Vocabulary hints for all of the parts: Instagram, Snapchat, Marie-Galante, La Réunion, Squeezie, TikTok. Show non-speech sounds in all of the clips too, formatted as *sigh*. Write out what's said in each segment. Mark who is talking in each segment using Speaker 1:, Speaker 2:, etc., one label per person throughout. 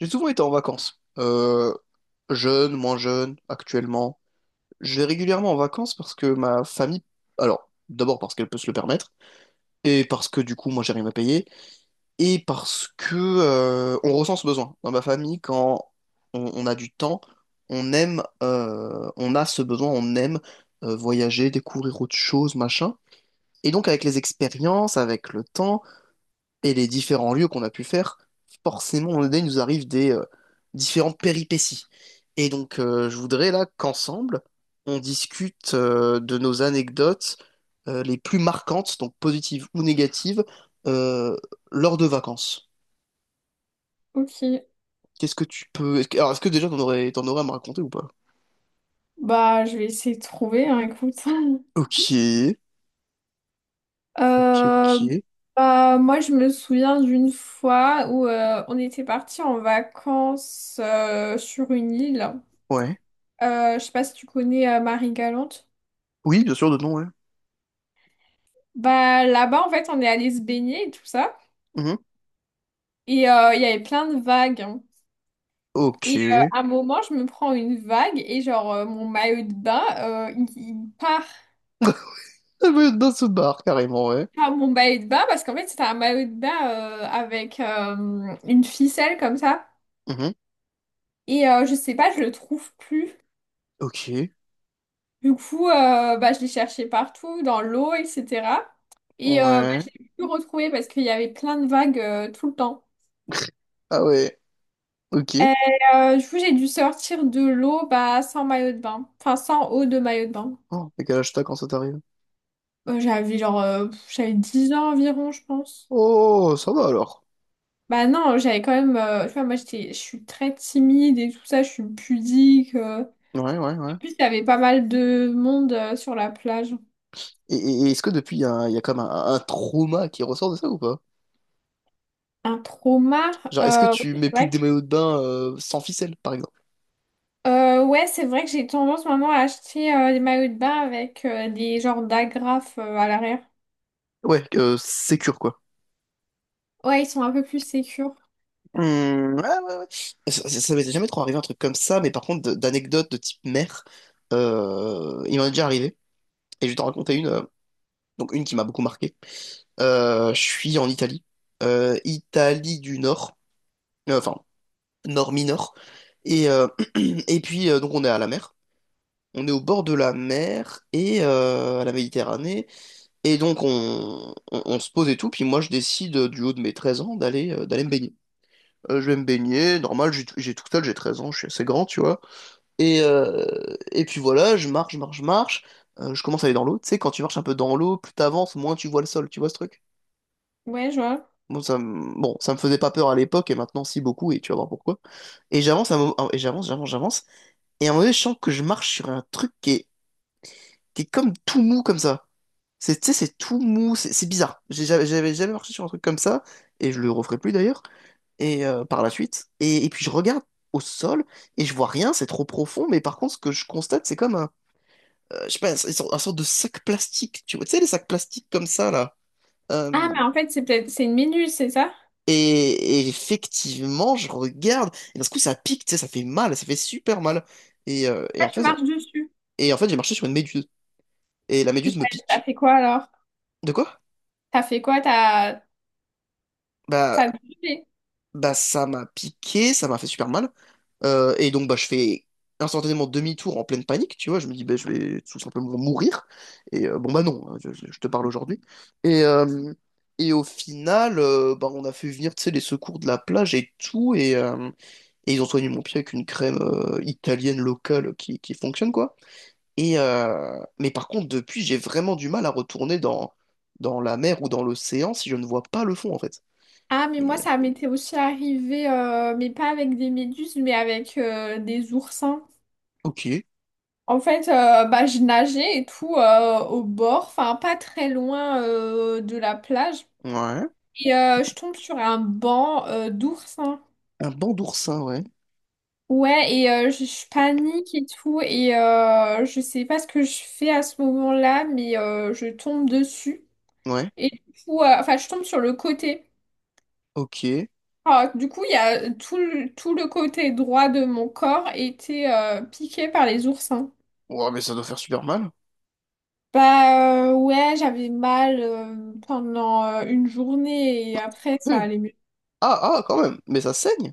Speaker 1: J'ai souvent été en vacances. Jeune, moins jeune, actuellement. Je vais régulièrement en vacances parce que ma famille... Alors, d'abord parce qu'elle peut se le permettre, et parce que du coup, moi, j'ai rien à payer, et parce que on ressent ce besoin. Dans ma famille, quand on a du temps, on aime... on a ce besoin, on aime voyager, découvrir autre chose, machin. Et donc, avec les expériences, avec le temps et les différents lieux qu'on a pu faire, forcément, on il nous arrive des différentes péripéties. Et donc, je voudrais là qu'ensemble, on discute de nos anecdotes les plus marquantes, donc positives ou négatives, euh, lors de vacances.
Speaker 2: Ok,
Speaker 1: Qu'est-ce que tu peux... Est-ce que, alors, est-ce que déjà, t'en aurais à me raconter ou pas?
Speaker 2: bah je vais essayer de trouver, hein, écoute. *laughs*
Speaker 1: Ok, ok,
Speaker 2: Euh,
Speaker 1: ok.
Speaker 2: moi je me souviens d'une fois où on était parti en vacances sur une île.
Speaker 1: Ouais.
Speaker 2: Je sais pas si tu connais Marie-Galante.
Speaker 1: Oui, bien sûr, de nom, ouais.
Speaker 2: Bah là-bas en fait on est allé se baigner et tout ça.
Speaker 1: Mhm.
Speaker 2: Et il y avait plein de vagues, hein.
Speaker 1: Ok.
Speaker 2: Et à un moment je me prends une vague et genre mon maillot de bain il part.
Speaker 1: Ah ouais, dans ce bar, carrément, ouais.
Speaker 2: Ah mon maillot de bain parce qu'en fait c'était un maillot de bain avec une ficelle comme ça
Speaker 1: Mhm.
Speaker 2: et je sais pas je le trouve plus,
Speaker 1: Ok.
Speaker 2: du coup bah, je l'ai cherché partout dans l'eau etc. Et bah,
Speaker 1: Ouais.
Speaker 2: je l'ai plus retrouvé parce qu'il y avait plein de vagues tout le temps
Speaker 1: Ah ouais. Ok.
Speaker 2: et du coup j'ai dû sortir de l'eau bah, sans maillot de bain enfin sans eau de maillot de bain.
Speaker 1: Oh, t'as quel âge t'as quand ça t'arrive?
Speaker 2: J'avais genre j'avais 10 ans environ je pense.
Speaker 1: Oh, ça va alors.
Speaker 2: Bah non j'avais quand même tu vois moi j'étais je suis très timide et tout ça je suis pudique.
Speaker 1: Ouais, ouais, ouais.
Speaker 2: Plus, il y avait pas mal de monde sur la plage.
Speaker 1: Et est-ce que depuis, il y a, il y a comme un trauma qui ressort de ça ou pas?
Speaker 2: Un trauma.
Speaker 1: Genre, est-ce que
Speaker 2: Ouais,
Speaker 1: tu mets
Speaker 2: c'est
Speaker 1: plus que
Speaker 2: vrai que,
Speaker 1: des maillots de bain sans ficelle, par exemple?
Speaker 2: ouais, c'est vrai que j'ai tendance maintenant à acheter des maillots de bain avec des genres d'agrafes à l'arrière.
Speaker 1: Ouais, sécure, quoi.
Speaker 2: Ouais, ils sont un peu plus sécures.
Speaker 1: Hmm, ouais, ouais, ouais. Ça m'était jamais trop arrivé un truc comme ça, mais par contre, d'anecdotes de type mère, il m'en est déjà arrivé. Et je vais t'en raconter une, donc une qui m'a beaucoup marqué. Je suis en Italie. Italie du Nord. Enfin, nord mineur. Et, *clears throat* et puis, donc, on est à la mer. On est au bord de la mer et à la Méditerranée. Et donc, on se pose et tout. Puis moi, je décide, du haut de mes 13 ans, d'aller me baigner. Je vais me baigner, normal, j'ai tout seul, j'ai 13 ans, je suis assez grand, tu vois. Et puis voilà, je marche, je marche, je marche. Je commence à aller dans l'eau. Tu sais, quand tu marches un peu dans l'eau, plus t'avances, moins tu vois le sol, tu vois ce truc?
Speaker 2: Ouais, je vois.
Speaker 1: Bon, ça me faisait pas peur à l'époque, et maintenant, si beaucoup, et tu vas voir pourquoi. Et j'avance, j'avance, j'avance. Et à un moment donné, je sens que je marche sur un truc qui est comme tout mou comme ça. C'est, tu sais, c'est tout mou, c'est bizarre. J'avais jamais marché sur un truc comme ça, et je le referai plus d'ailleurs, et par la suite. Et puis je regarde au sol, et je vois rien, c'est trop profond, mais par contre, ce que je constate, c'est comme un, je sais pas, un, un sorte de sac plastique, tu vois, tu sais, les sacs plastiques comme ça, là.
Speaker 2: Ah,
Speaker 1: Euh,
Speaker 2: mais en fait, c'est peut-être c'est une minuse, c'est ça?
Speaker 1: et effectivement, je regarde, et d'un coup, ça pique, tu sais, ça fait mal, ça fait super mal. Et, euh, et
Speaker 2: Ah,
Speaker 1: en
Speaker 2: tu
Speaker 1: fait,
Speaker 2: marches dessus.
Speaker 1: et en fait, j'ai marché sur une méduse, et la
Speaker 2: Et
Speaker 1: méduse me
Speaker 2: t'as
Speaker 1: pique.
Speaker 2: fait quoi alors?
Speaker 1: De quoi?
Speaker 2: T'as fait quoi? T'as
Speaker 1: Bah,
Speaker 2: t'as bougé.
Speaker 1: bah, ça m'a piqué, ça m'a fait super mal. Et donc bah je fais instantanément demi-tour en pleine panique, tu vois. Je me dis bah je vais tout simplement mourir. Et bon bah non, hein, je te parle aujourd'hui. Et, euh, et au final, bah on a fait venir tu sais les secours de la plage et tout, et ils ont soigné mon pied avec une crème italienne locale qui fonctionne quoi. Et mais par contre depuis j'ai vraiment du mal à retourner dans la mer ou dans l'océan si je ne vois pas le fond en fait.
Speaker 2: Ah, mais moi,
Speaker 1: Et,
Speaker 2: ça m'était aussi arrivé, mais pas avec des méduses, mais avec des oursins.
Speaker 1: ok.
Speaker 2: En fait, bah, je nageais et tout au bord, enfin pas très loin de la plage.
Speaker 1: Ouais.
Speaker 2: Et je tombe sur un banc d'oursins.
Speaker 1: Un banc d'oursin, ouais.
Speaker 2: Ouais, et je panique et tout. Et je sais pas ce que je fais à ce moment-là, mais je tombe dessus.
Speaker 1: Ouais.
Speaker 2: Et du coup, enfin, je tombe sur le côté.
Speaker 1: Ok.
Speaker 2: Alors, du coup, il y a tout, tout le côté droit de mon corps était piqué par les oursins.
Speaker 1: Ouah, mais ça doit faire super mal.
Speaker 2: Bah ouais, j'avais mal pendant une journée et après ça
Speaker 1: Ouais.
Speaker 2: allait mieux.
Speaker 1: Ah, ah, quand même. Mais ça saigne.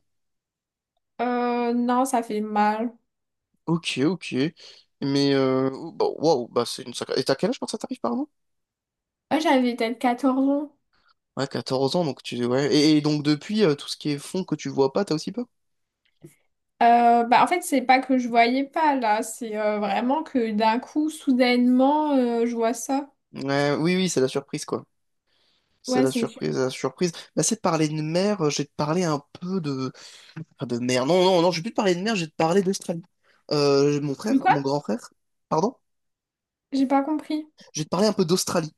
Speaker 2: Non, ça fait mal.
Speaker 1: Ok, ok. Mais, bah, waouh, bah, c'est une sacrée... Et t'as quel âge quand ça t'arrive, pardon?
Speaker 2: Ouais, j'avais peut-être 14 ans.
Speaker 1: Ouais, 14 ans, donc tu... Ouais. Et donc, depuis, tout ce qui est fond que tu vois pas, t'as aussi peur?
Speaker 2: Bah en fait, c'est pas que je voyais pas là, c'est vraiment que d'un coup, soudainement, je vois ça.
Speaker 1: Ouais, oui, oui, c'est la surprise, quoi. C'est
Speaker 2: Ouais,
Speaker 1: la
Speaker 2: c'est une... sur-
Speaker 1: surprise, la surprise. Bah, c'est de parler de mer, j'ai de parler un peu de... Enfin, de mer. Non, non, non, je vais plus te parler de mer, j'ai de parler d'Australie. Mon
Speaker 2: Du
Speaker 1: frère,
Speaker 2: quoi?
Speaker 1: mon grand frère, pardon?
Speaker 2: J'ai pas compris.
Speaker 1: Je vais te parler un peu d'Australie,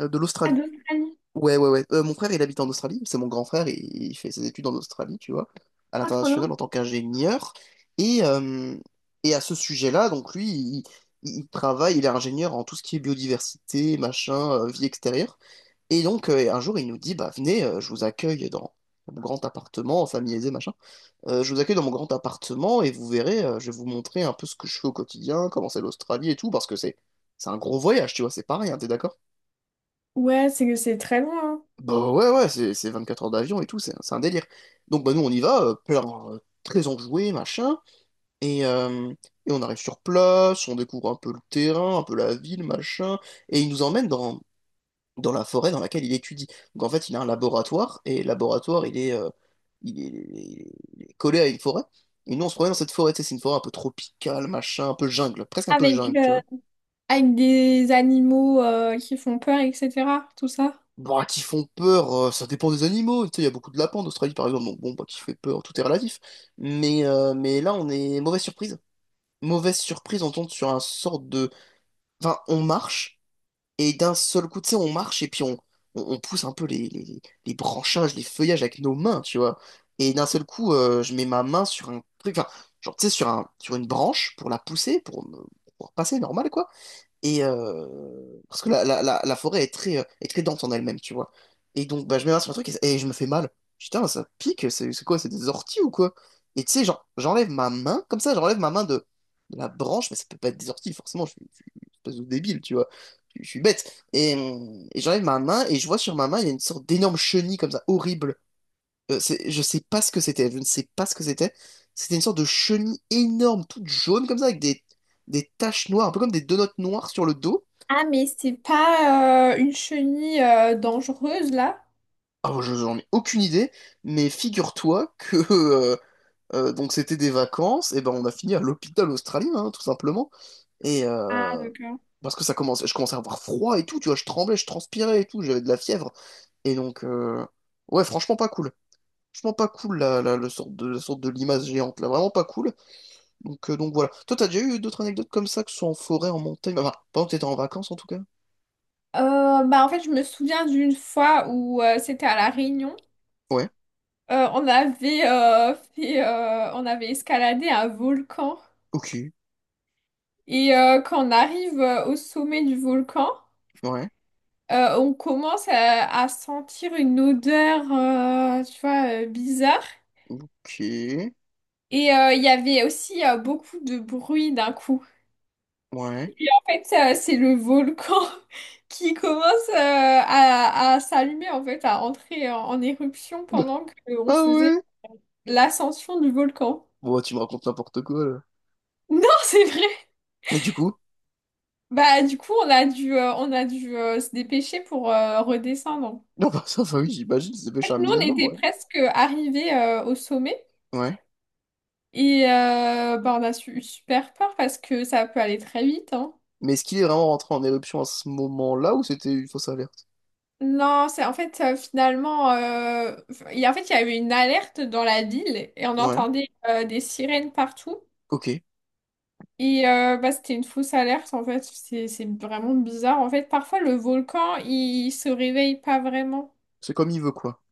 Speaker 1: de
Speaker 2: Ah,
Speaker 1: l'Australie.
Speaker 2: d'Australie.
Speaker 1: Ouais, ouais, ouais. Mon frère, il habite en Australie. C'est mon grand frère. Il fait ses études en Australie, tu vois, à
Speaker 2: Ah, trop loin.
Speaker 1: l'international en tant qu'ingénieur. Et, euh, et à ce sujet-là, donc lui, il travaille, il est ingénieur en tout ce qui est biodiversité, machin, vie extérieure. Et donc, un jour, il nous dit, bah, venez, je vous accueille dans mon grand appartement, en famille aisée, machin. Je vous accueille dans mon grand appartement et vous verrez, je vais vous montrer un peu ce que je fais au quotidien, comment c'est l'Australie et tout, parce que c'est un gros voyage, tu vois, c'est pas rien, t'es d'accord?
Speaker 2: Ouais, c'est que c'est très loin, hein.
Speaker 1: Bah ouais, ouais, c'est 24 heures d'avion et tout, c'est un délire. Donc bah nous on y va, plein, très enjoué, machin, et, euh, et on arrive sur place, on découvre un peu le terrain, un peu la ville, machin, et il nous emmène dans la forêt dans laquelle il étudie. Donc en fait il a un laboratoire, et laboratoire il est, il est, il est collé à une forêt, et nous on se promène dans cette forêt, tu sais, c'est une forêt un peu tropicale, machin, un peu jungle, presque un peu
Speaker 2: Avec,
Speaker 1: jungle, tu vois.
Speaker 2: avec des animaux qui font peur, etc. Tout ça.
Speaker 1: Bah, qui font peur, ça dépend des animaux. Tu sais, il y a beaucoup de lapins en Australie, par exemple. Donc, bon, bah, qui fait peur, tout est relatif. Mais là, on est mauvaise surprise. Mauvaise surprise, on tombe sur un sort de. Enfin, on marche, et d'un seul coup, tu sais, on marche, et puis on pousse un peu les branchages, les feuillages avec nos mains, tu vois. Et d'un seul coup, je mets ma main sur un truc, enfin, genre, tu sais, sur un, sur une branche pour la pousser, pour passer normal, quoi. Et parce que la forêt est très dense en elle-même, tu vois. Et donc, bah, je m'énerve sur un truc et je me fais mal. Putain, ça pique, c'est quoi? C'est des orties ou quoi? Et tu sais, genre, j'enlève ma main, comme ça, j'enlève ma main de la branche, mais ça peut pas être des orties, forcément, je suis une espèce de débile, tu vois. Je suis bête. Et j'enlève ma main et je vois sur ma main, il y a une sorte d'énorme chenille comme ça, horrible. Je sais pas ce que c'était, je ne sais pas ce que c'était. C'était une sorte de chenille énorme, toute jaune comme ça, avec des taches noires, un peu comme des donuts noires sur le dos.
Speaker 2: Ah, mais c'est pas une chenille dangereuse là?
Speaker 1: Ah, je j'en ai aucune idée, mais figure-toi que *laughs* euh, donc c'était des vacances, et ben on a fini à l'hôpital australien, hein, tout simplement. Et
Speaker 2: Ah, d'accord.
Speaker 1: parce que ça commence, je commençais à avoir froid et tout, tu vois, je tremblais, je transpirais et tout, j'avais de la fièvre. Et donc ouais, franchement pas cool. Franchement pas cool la sorte de limace géante, là, vraiment pas cool. Donc voilà. Toi, t'as déjà eu d'autres anecdotes comme ça, que ce soit en forêt, en montagne, enfin, pendant que t'étais en vacances en tout cas?
Speaker 2: Bah, en fait, je me souviens d'une fois où c'était à La Réunion.
Speaker 1: Ouais,
Speaker 2: On avait on avait escaladé un volcan.
Speaker 1: ok,
Speaker 2: Et quand on arrive au sommet du volcan,
Speaker 1: ouais,
Speaker 2: on commence à sentir une odeur, tu vois, bizarre.
Speaker 1: ok,
Speaker 2: Et il y avait aussi beaucoup de bruit d'un coup.
Speaker 1: ouais.
Speaker 2: Et en fait, c'est le volcan *laughs* qui commence à s'allumer, en fait, à entrer en éruption
Speaker 1: *laughs* Bah,
Speaker 2: pendant qu'on
Speaker 1: ah
Speaker 2: faisait
Speaker 1: ouais?
Speaker 2: l'ascension du volcan.
Speaker 1: Bon, bah, tu me racontes n'importe quoi là.
Speaker 2: Non, *laughs* c'est vrai.
Speaker 1: Et du coup? *laughs*
Speaker 2: Bah, du coup, on a dû se dépêcher pour redescendre. En
Speaker 1: Non, bah ça, enfin oui, j'imagine, c'est pêché
Speaker 2: fait,
Speaker 1: un
Speaker 2: nous, on
Speaker 1: minimum,
Speaker 2: était
Speaker 1: ouais.
Speaker 2: presque arrivés au sommet.
Speaker 1: Ouais.
Speaker 2: Et bah, eu super peur parce que ça peut aller très vite, hein.
Speaker 1: Mais est-ce qu'il est vraiment rentré en éruption à ce moment-là ou c'était une fausse alerte?
Speaker 2: Non, c'est en fait finalement, en fait il y a eu une alerte dans la ville et on
Speaker 1: Ouais,
Speaker 2: entendait des sirènes partout.
Speaker 1: ok.
Speaker 2: Et bah, c'était une fausse alerte en fait, c'est vraiment bizarre. En fait, parfois le volcan il se réveille pas vraiment.
Speaker 1: C'est comme il veut quoi.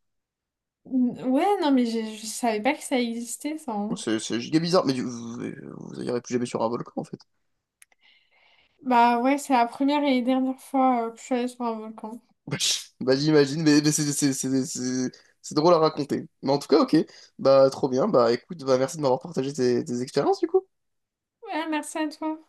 Speaker 2: Ouais, non mais savais pas que ça existait ça, hein.
Speaker 1: C'est giga bizarre, mais vous, vous irez plus jamais sur un volcan en fait.
Speaker 2: Bah ouais, c'est la première et dernière fois que je suis allée sur un volcan.
Speaker 1: Bah *laughs* bah, j'imagine, mais, c'est drôle à raconter. Mais en tout cas, ok, bah trop bien, bah écoute, bah merci de m'avoir partagé tes expériences du coup.
Speaker 2: Ouais, merci à toi.